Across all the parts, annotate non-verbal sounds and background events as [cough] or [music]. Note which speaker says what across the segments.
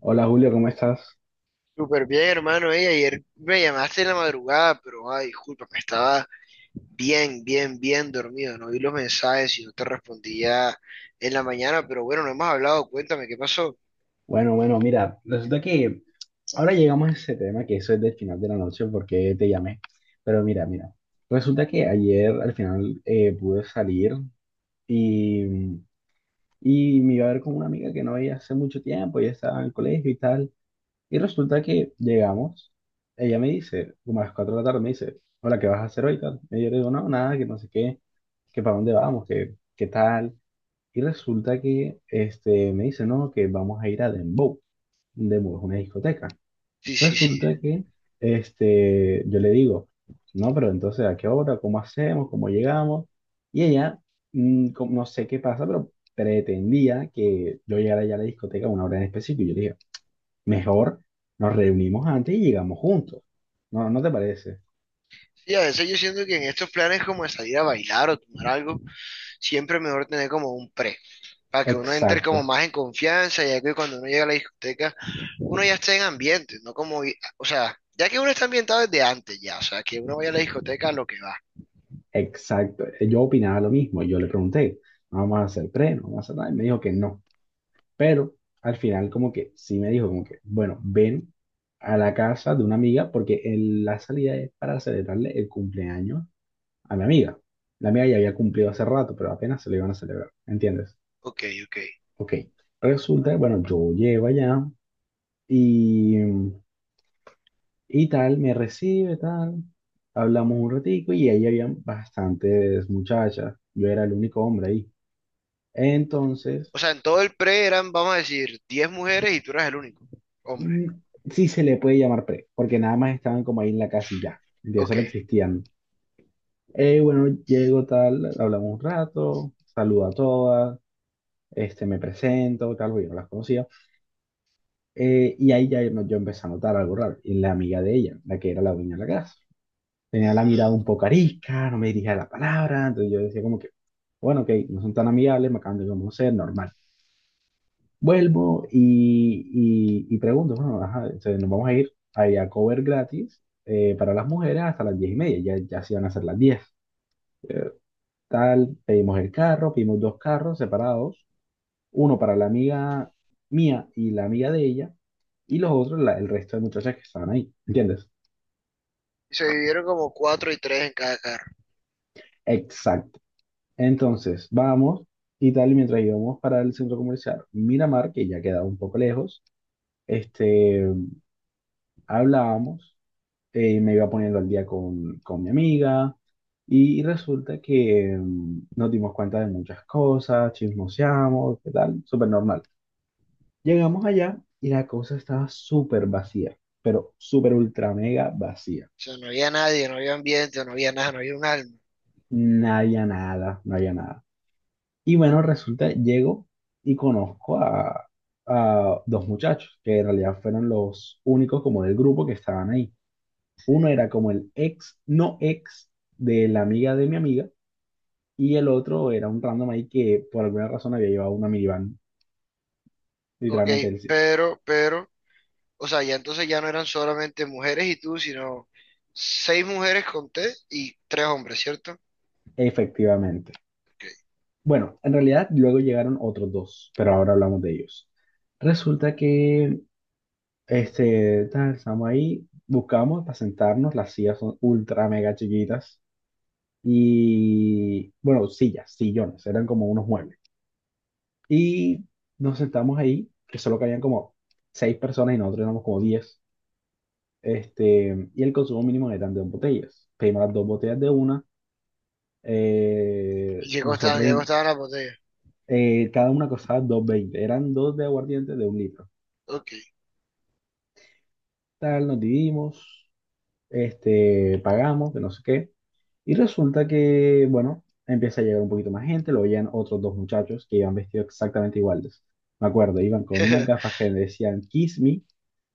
Speaker 1: Hola Julio, ¿cómo estás?
Speaker 2: Súper bien, hermano. Ey, ayer me llamaste en la madrugada, pero ay, disculpa, me estaba bien dormido. No vi los mensajes y no te respondía en la mañana, pero bueno, no hemos hablado. Cuéntame qué pasó.
Speaker 1: Bueno, bueno, mira, resulta que ahora llegamos a ese tema que eso es del final de la noche porque te llamé. Pero mira, mira, resulta que ayer al final pude salir y, y me iba a ver con una amiga que no veía hace mucho tiempo, ella estaba en el colegio y tal. Y resulta que llegamos, ella me dice, como a las 4 de la tarde, me dice, hola, ¿qué vas a hacer hoy? Tal. Y yo le digo, no, nada, que no sé qué, que para dónde vamos, que qué tal. Y resulta que este, me dice, no, que vamos a ir a Dembow. Dembow es una discoteca.
Speaker 2: Sí, sí, sí.
Speaker 1: Resulta que este, yo le digo, no, pero entonces, ¿a qué hora? ¿Cómo hacemos? ¿Cómo llegamos? Y ella, no sé qué pasa, pero pretendía que yo llegara ya a la discoteca a una hora en específico. Y yo le dije, mejor nos reunimos antes y llegamos juntos. ¿No, no te parece?
Speaker 2: Sí, a veces yo siento que en estos planes como de salir a bailar o tomar algo, siempre es mejor tener como un pre, para que uno entre como
Speaker 1: Exacto,
Speaker 2: más en confianza, ya que cuando uno llega a la discoteca, uno ya está en ambiente, no como, o sea, ya que uno está ambientado desde antes ya, o sea, que uno vaya a la discoteca a lo que va.
Speaker 1: exacto. Yo opinaba lo mismo. Yo le pregunté, ¿no vamos a hacer pre? ¿No vamos a hacer nada? Y me dijo que no. Pero al final como que sí me dijo como que, bueno, ven a la casa de una amiga porque la salida es para celebrarle el cumpleaños a mi amiga. La amiga ya había cumplido hace rato, pero apenas se lo iban a celebrar, ¿entiendes?
Speaker 2: Ok, ok.
Speaker 1: Ok. Resulta que, bueno, yo llego allá y, y tal, me recibe, tal. Hablamos un ratico y ahí habían bastantes muchachas. Yo era el único hombre ahí. Entonces,
Speaker 2: O sea, en todo el pre eran, vamos a decir, 10 mujeres y tú eras el único hombre.
Speaker 1: mm, sí se le puede llamar pre, porque nada más estaban como ahí en la casa y ya, de
Speaker 2: Ok.
Speaker 1: solo existían. Bueno, llego tal, hablamos un rato, saludo a todas, este, me presento, tal, porque yo no las conocía. Y ahí yo empecé a notar algo raro, y la amiga de ella, la que era la dueña de la casa tenía la mirada un
Speaker 2: Ujú.
Speaker 1: poco arisca, no me dirigía la palabra, entonces yo decía como que, bueno, ok, no son tan amigables, me acaban de conocer, normal. Vuelvo y pregunto, bueno, ajá, entonces nos vamos a ir ahí a cover gratis para las mujeres hasta las 10:30, ya, ya se iban a ser las 10. Tal, pedimos el carro, pedimos dos carros separados, uno para la amiga mía y la amiga de ella, y los otros, el resto de muchachas que estaban ahí, ¿entiendes?
Speaker 2: Y se dividieron como cuatro y tres en cada carro.
Speaker 1: Exacto. Entonces, vamos y tal, y mientras íbamos para el centro comercial Miramar, que ya queda un poco lejos, este, hablábamos, me iba poniendo al día con, mi amiga y resulta que nos dimos cuenta de muchas cosas, chismoseamos, qué tal, súper normal. Llegamos allá y la cosa estaba súper vacía, pero súper ultra mega vacía.
Speaker 2: O sea, no había nadie, no había ambiente, no había nada, no había un alma.
Speaker 1: No había nada, no había nada. Y bueno, resulta, llego y conozco a, dos muchachos que en realidad fueron los únicos como del grupo que estaban ahí. Uno era como el ex, no ex, de la amiga de mi amiga. Y el otro era un random ahí que por alguna razón había llevado una minivan.
Speaker 2: Ok,
Speaker 1: Literalmente, él sí...
Speaker 2: pero, o sea, ya entonces ya no eran solamente mujeres y tú, sino seis mujeres conté y tres hombres, ¿cierto?
Speaker 1: efectivamente.
Speaker 2: Ok,
Speaker 1: Bueno, en realidad luego llegaron otros dos, pero ahora hablamos de ellos. Resulta que este, tal, estamos ahí, buscamos para sentarnos, las sillas son ultra mega chiquitas y, bueno, sillas, sillones, eran como unos muebles. Y nos sentamos ahí, que solo cabían como seis personas y nosotros éramos como 10. Este, y el consumo mínimo de tantas botellas. Pedimos las dos botellas de una. eh,
Speaker 2: ¿y qué costaban?
Speaker 1: nosotros,
Speaker 2: ¿Qué costaban las botellas?
Speaker 1: cada una costaba dos veinte. Eran dos de aguardiente de un litro.
Speaker 2: Ok.
Speaker 1: Tal, nos dividimos, este, pagamos, de no sé qué. Y resulta que, bueno, empieza a llegar un poquito más gente. Lo veían otros dos muchachos que iban vestidos exactamente iguales. Me acuerdo, iban con unas gafas
Speaker 2: [laughs]
Speaker 1: que decían Kiss Me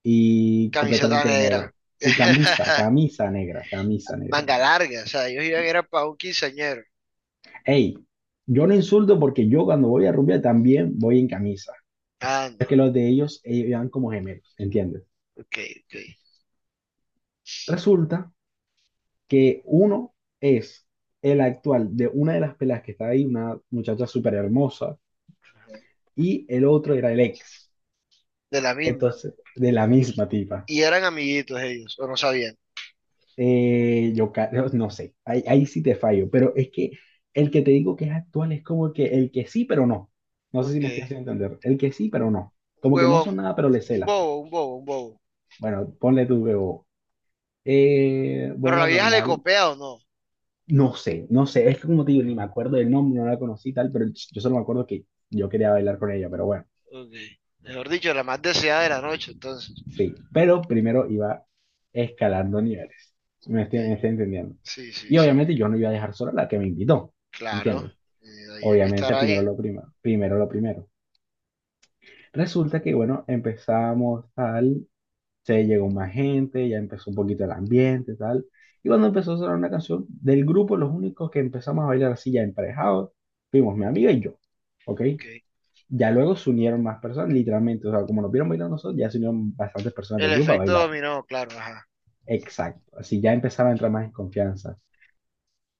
Speaker 1: y
Speaker 2: Camiseta
Speaker 1: completamente de
Speaker 2: negra.
Speaker 1: negro. Y camisa,
Speaker 2: [laughs]
Speaker 1: camisa negra, camisa negra.
Speaker 2: Manga larga. O sea, ellos iban era para un quinceañero.
Speaker 1: Hey, yo no insulto porque yo cuando voy a rubia también voy en camisa.
Speaker 2: Ah, no,
Speaker 1: Es que los de ellos eran como gemelos, ¿entiendes?
Speaker 2: ok, ok.
Speaker 1: Resulta que uno es el actual de una de las pelas que está ahí, una muchacha súper hermosa, y el otro era el ex,
Speaker 2: De la misma.
Speaker 1: entonces, de la misma tipa.
Speaker 2: Y eran amiguitos ellos, o no sabían.
Speaker 1: No, sé, ahí sí te fallo, pero es que el que te digo que es actual es como que el que sí, pero no. No sé si me estoy
Speaker 2: Ok.
Speaker 1: haciendo entender. El que sí, pero no.
Speaker 2: Un
Speaker 1: Como que no
Speaker 2: huevón,
Speaker 1: son nada, pero le
Speaker 2: un
Speaker 1: cela.
Speaker 2: bobo, un bobo, un bobo.
Speaker 1: Bueno, ponle tu BO.
Speaker 2: Pero la
Speaker 1: Bueno,
Speaker 2: vieja le
Speaker 1: normal.
Speaker 2: copea o no.
Speaker 1: No sé, no sé. Es que como te digo, ni me acuerdo del nombre, no la conocí y tal, pero yo solo me acuerdo que yo quería bailar con ella, pero bueno,
Speaker 2: Ok. Mejor dicho, la más deseada de la noche, entonces.
Speaker 1: sí. Pero primero iba escalando niveles. ¿Sí? ¿Me
Speaker 2: Ok.
Speaker 1: estoy, me estoy entendiendo?
Speaker 2: Sí, sí,
Speaker 1: Y
Speaker 2: sí.
Speaker 1: obviamente yo no iba a dejar sola a la que me invitó,
Speaker 2: Claro.
Speaker 1: ¿entiendes?
Speaker 2: Eh, ahí hay que estar
Speaker 1: Obviamente primero
Speaker 2: ahí.
Speaker 1: lo primero, primero lo primero. Resulta que, bueno, empezamos tal. Se llegó más gente, ya empezó un poquito el ambiente y tal. Y cuando empezó a sonar una canción del grupo, los únicos que empezamos a bailar así ya emparejados, fuimos mi amiga y yo, ¿ok?
Speaker 2: Ok.
Speaker 1: Ya luego se unieron más personas, literalmente, o sea, como nos vieron bailar nosotros, ya se unieron bastantes personas del
Speaker 2: El
Speaker 1: grupo a
Speaker 2: efecto
Speaker 1: bailar.
Speaker 2: dominó, claro, ajá.
Speaker 1: Exacto, así ya empezaron a entrar más en confianza.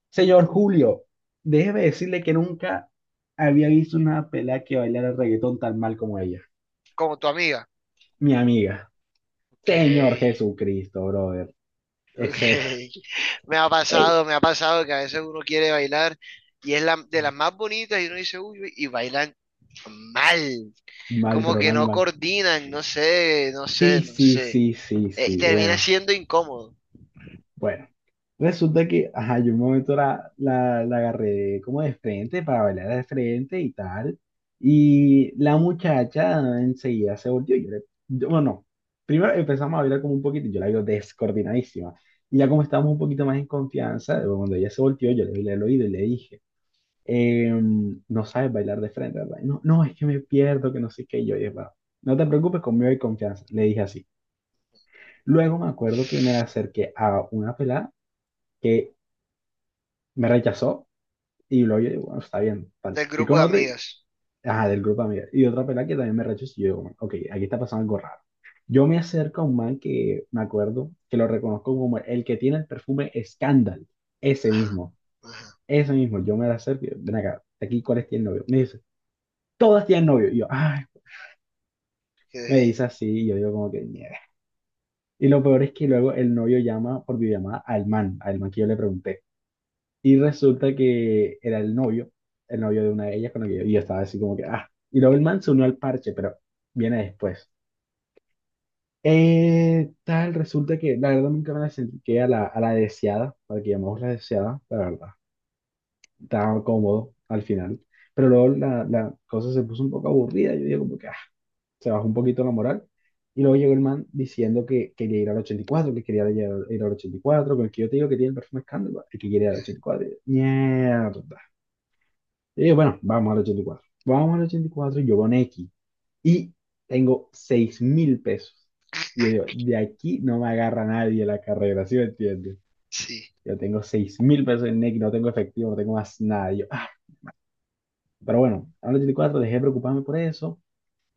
Speaker 1: Señor Julio, déjeme decirle que nunca había visto una pelada que bailara reggaetón tan mal como ella.
Speaker 2: Como tu amiga.
Speaker 1: Mi amiga.
Speaker 2: Ok,
Speaker 1: Señor Jesucristo, brother.
Speaker 2: [laughs] ok.
Speaker 1: Eso era.
Speaker 2: Me
Speaker 1: [laughs]
Speaker 2: ha pasado que a veces uno quiere bailar y es la, de las más bonitas y uno dice, uy, uy", y bailan mal,
Speaker 1: Mal,
Speaker 2: como
Speaker 1: pero
Speaker 2: que
Speaker 1: mal,
Speaker 2: no
Speaker 1: mal.
Speaker 2: coordinan, no sé, no sé,
Speaker 1: Sí,
Speaker 2: no
Speaker 1: sí,
Speaker 2: sé.
Speaker 1: sí, sí,
Speaker 2: Y
Speaker 1: sí.
Speaker 2: termina
Speaker 1: Bueno,
Speaker 2: siendo incómodo
Speaker 1: bueno. Resulta que, ajá, yo un momento la, agarré como de frente para bailar de frente y tal. Y la muchacha enseguida se volteó. Bueno, no. Primero empezamos a bailar como un poquito. Yo la veo descoordinadísima. Y ya como estábamos un poquito más en confianza, cuando ella se volteó, yo le vi el oído y le dije, no sabes bailar de frente, ¿verdad? No, no, es que me pierdo, que no sé qué. Y yo dije, "Bueno, no te preocupes, conmigo hay confianza". Le dije así. Luego me acuerdo que me acerqué a una pelada que me rechazó y luego yo digo, bueno, está bien, tal.
Speaker 2: del
Speaker 1: Fui
Speaker 2: grupo
Speaker 1: con
Speaker 2: de
Speaker 1: otra,
Speaker 2: amigas.
Speaker 1: ajá, del grupo de amigas, y otra pelada que también me rechazó y yo digo, bueno, ok, aquí está pasando algo raro. Yo me acerco a un man que me acuerdo que lo reconozco como el que tiene el perfume Scandal, ese
Speaker 2: Ajá,
Speaker 1: mismo,
Speaker 2: ajá.
Speaker 1: ese mismo. Yo me acerco y yo, ven acá, aquí, ¿cuál es el novio? Me dice, todas tienen novio. Y yo, ay, me
Speaker 2: Okay,
Speaker 1: dice así y yo digo como que, mierda. Y lo peor es que luego el novio llama por videollamada al man que yo le pregunté. Y resulta que era el novio de una de ellas con la que yo, y yo estaba así como que, ah, y luego el man se unió al parche, pero viene después. Tal, resulta que la verdad nunca me la acerqué a la, deseada, para que llamamos la deseada, la verdad. Estaba cómodo al final, pero luego la cosa se puso un poco aburrida, yo digo como que, ah, se bajó un poquito la moral. Y luego llegó el man diciendo que quería ir al 84, que quería ir, al 84, con el que yo te digo que tiene el perfume escándalo, el que quiere ir al
Speaker 2: ok,
Speaker 1: 84. Y cuatro. Y yo, mierda. Y yo, bueno, vamos al 84. Vamos al ochenta y cuatro y yo con X. Y tengo 6.000 pesos. Y yo digo, de aquí no me agarra nadie la carrera, ¿sí me entiendes?
Speaker 2: sí,
Speaker 1: Yo tengo 6.000 pesos en X, no tengo efectivo, no tengo más nada. Y yo, ah. Pero bueno, al 84 dejé de preocuparme por eso.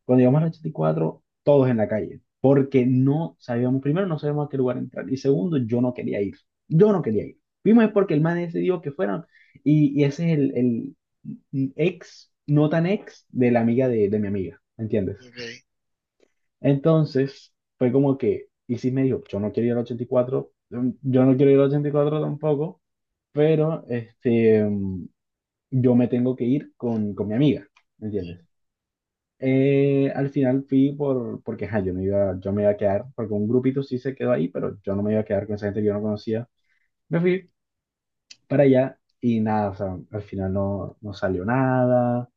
Speaker 1: Cuando llegamos al 84, todos en la calle, porque no sabíamos, primero no sabíamos a qué lugar entrar, y segundo, yo no quería ir, yo no quería ir. Vimos es porque el man decidió que fueran, y, ese es el ex, no tan ex, de la amiga de, mi amiga, ¿entiendes?
Speaker 2: ok.
Speaker 1: Entonces, fue como que, y sí me dijo, yo no quiero ir al 84, yo no quiero ir al 84 tampoco, pero este, yo me tengo que ir con, mi amiga, ¿entiendes? Al final fui porque ajá, yo, no iba, yo me iba a quedar, porque un grupito sí se quedó ahí, pero yo no me iba a quedar con esa gente que yo no conocía. Me fui para allá y nada, o sea, al final no, no salió nada.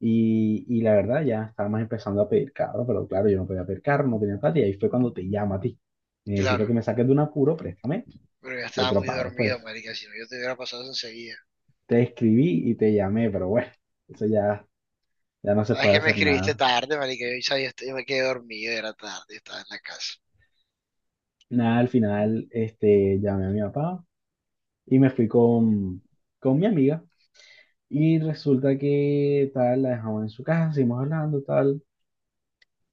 Speaker 1: Y la verdad ya estábamos empezando a pedir carro, pero claro, yo no podía pedir carro, no tenía plata y ahí fue cuando te llamo a ti. Necesito
Speaker 2: Claro,
Speaker 1: que me saques de un apuro, préstame,
Speaker 2: pero ya
Speaker 1: yo
Speaker 2: estaba
Speaker 1: te lo
Speaker 2: muy
Speaker 1: pago
Speaker 2: dormido,
Speaker 1: después.
Speaker 2: marica, si no yo te hubiera pasado eso enseguida.
Speaker 1: Te escribí y te llamé, pero bueno, eso ya, ya no se
Speaker 2: Ah, es
Speaker 1: puede
Speaker 2: que me
Speaker 1: hacer
Speaker 2: escribiste
Speaker 1: nada.
Speaker 2: tarde, marica, yo, ya- yo me quedé dormido, era tarde, estaba en la casa.
Speaker 1: Nada, al final este, llamé a mi papá. Y me fui con, mi amiga. Y resulta que tal, la dejamos en su casa, seguimos hablando, tal.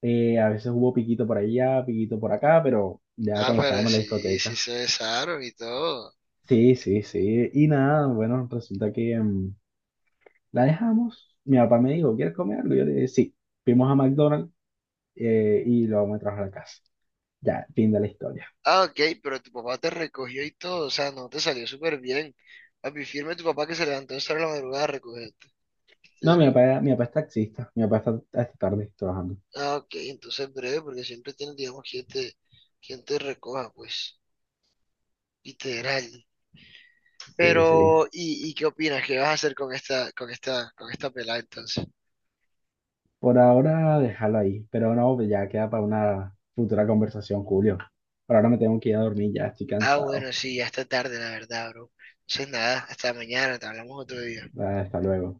Speaker 1: A veces hubo piquito por allá, piquito por acá, pero ya
Speaker 2: Ah,
Speaker 1: cuando
Speaker 2: pero
Speaker 1: estábamos en la
Speaker 2: sí, sí
Speaker 1: discoteca.
Speaker 2: se besaron y todo.
Speaker 1: Sí, sí, sí. Y nada, bueno, resulta que la dejamos. Mi papá me dijo, ¿quieres comer algo? Yo le dije, sí. Fuimos a McDonald's, y lo vamos a trabajar a la casa. Ya, fin de la historia.
Speaker 2: Ah, ok, pero tu papá te recogió y todo, o sea, no te salió súper bien. Papi, firme tu papá que se levantó a estar la madrugada a recogerte.
Speaker 1: No, mi papá es taxista. Mi papá está hasta tarde trabajando.
Speaker 2: Ah, ok, entonces breve, porque siempre tienes, digamos, quien te recoja, pues, literal.
Speaker 1: Sí, sí.
Speaker 2: Pero, y qué opinas? ¿Qué vas a hacer con esta, con esta, con esta pelada entonces?
Speaker 1: Por ahora, déjalo ahí, pero no, pues ya queda para una futura conversación, Julio. Por ahora me tengo que ir a dormir, ya estoy
Speaker 2: Ah,
Speaker 1: cansado.
Speaker 2: bueno, sí, ya está tarde, la verdad, bro. Entonces nada, hasta mañana, te hablamos otro día.
Speaker 1: Ah, hasta luego.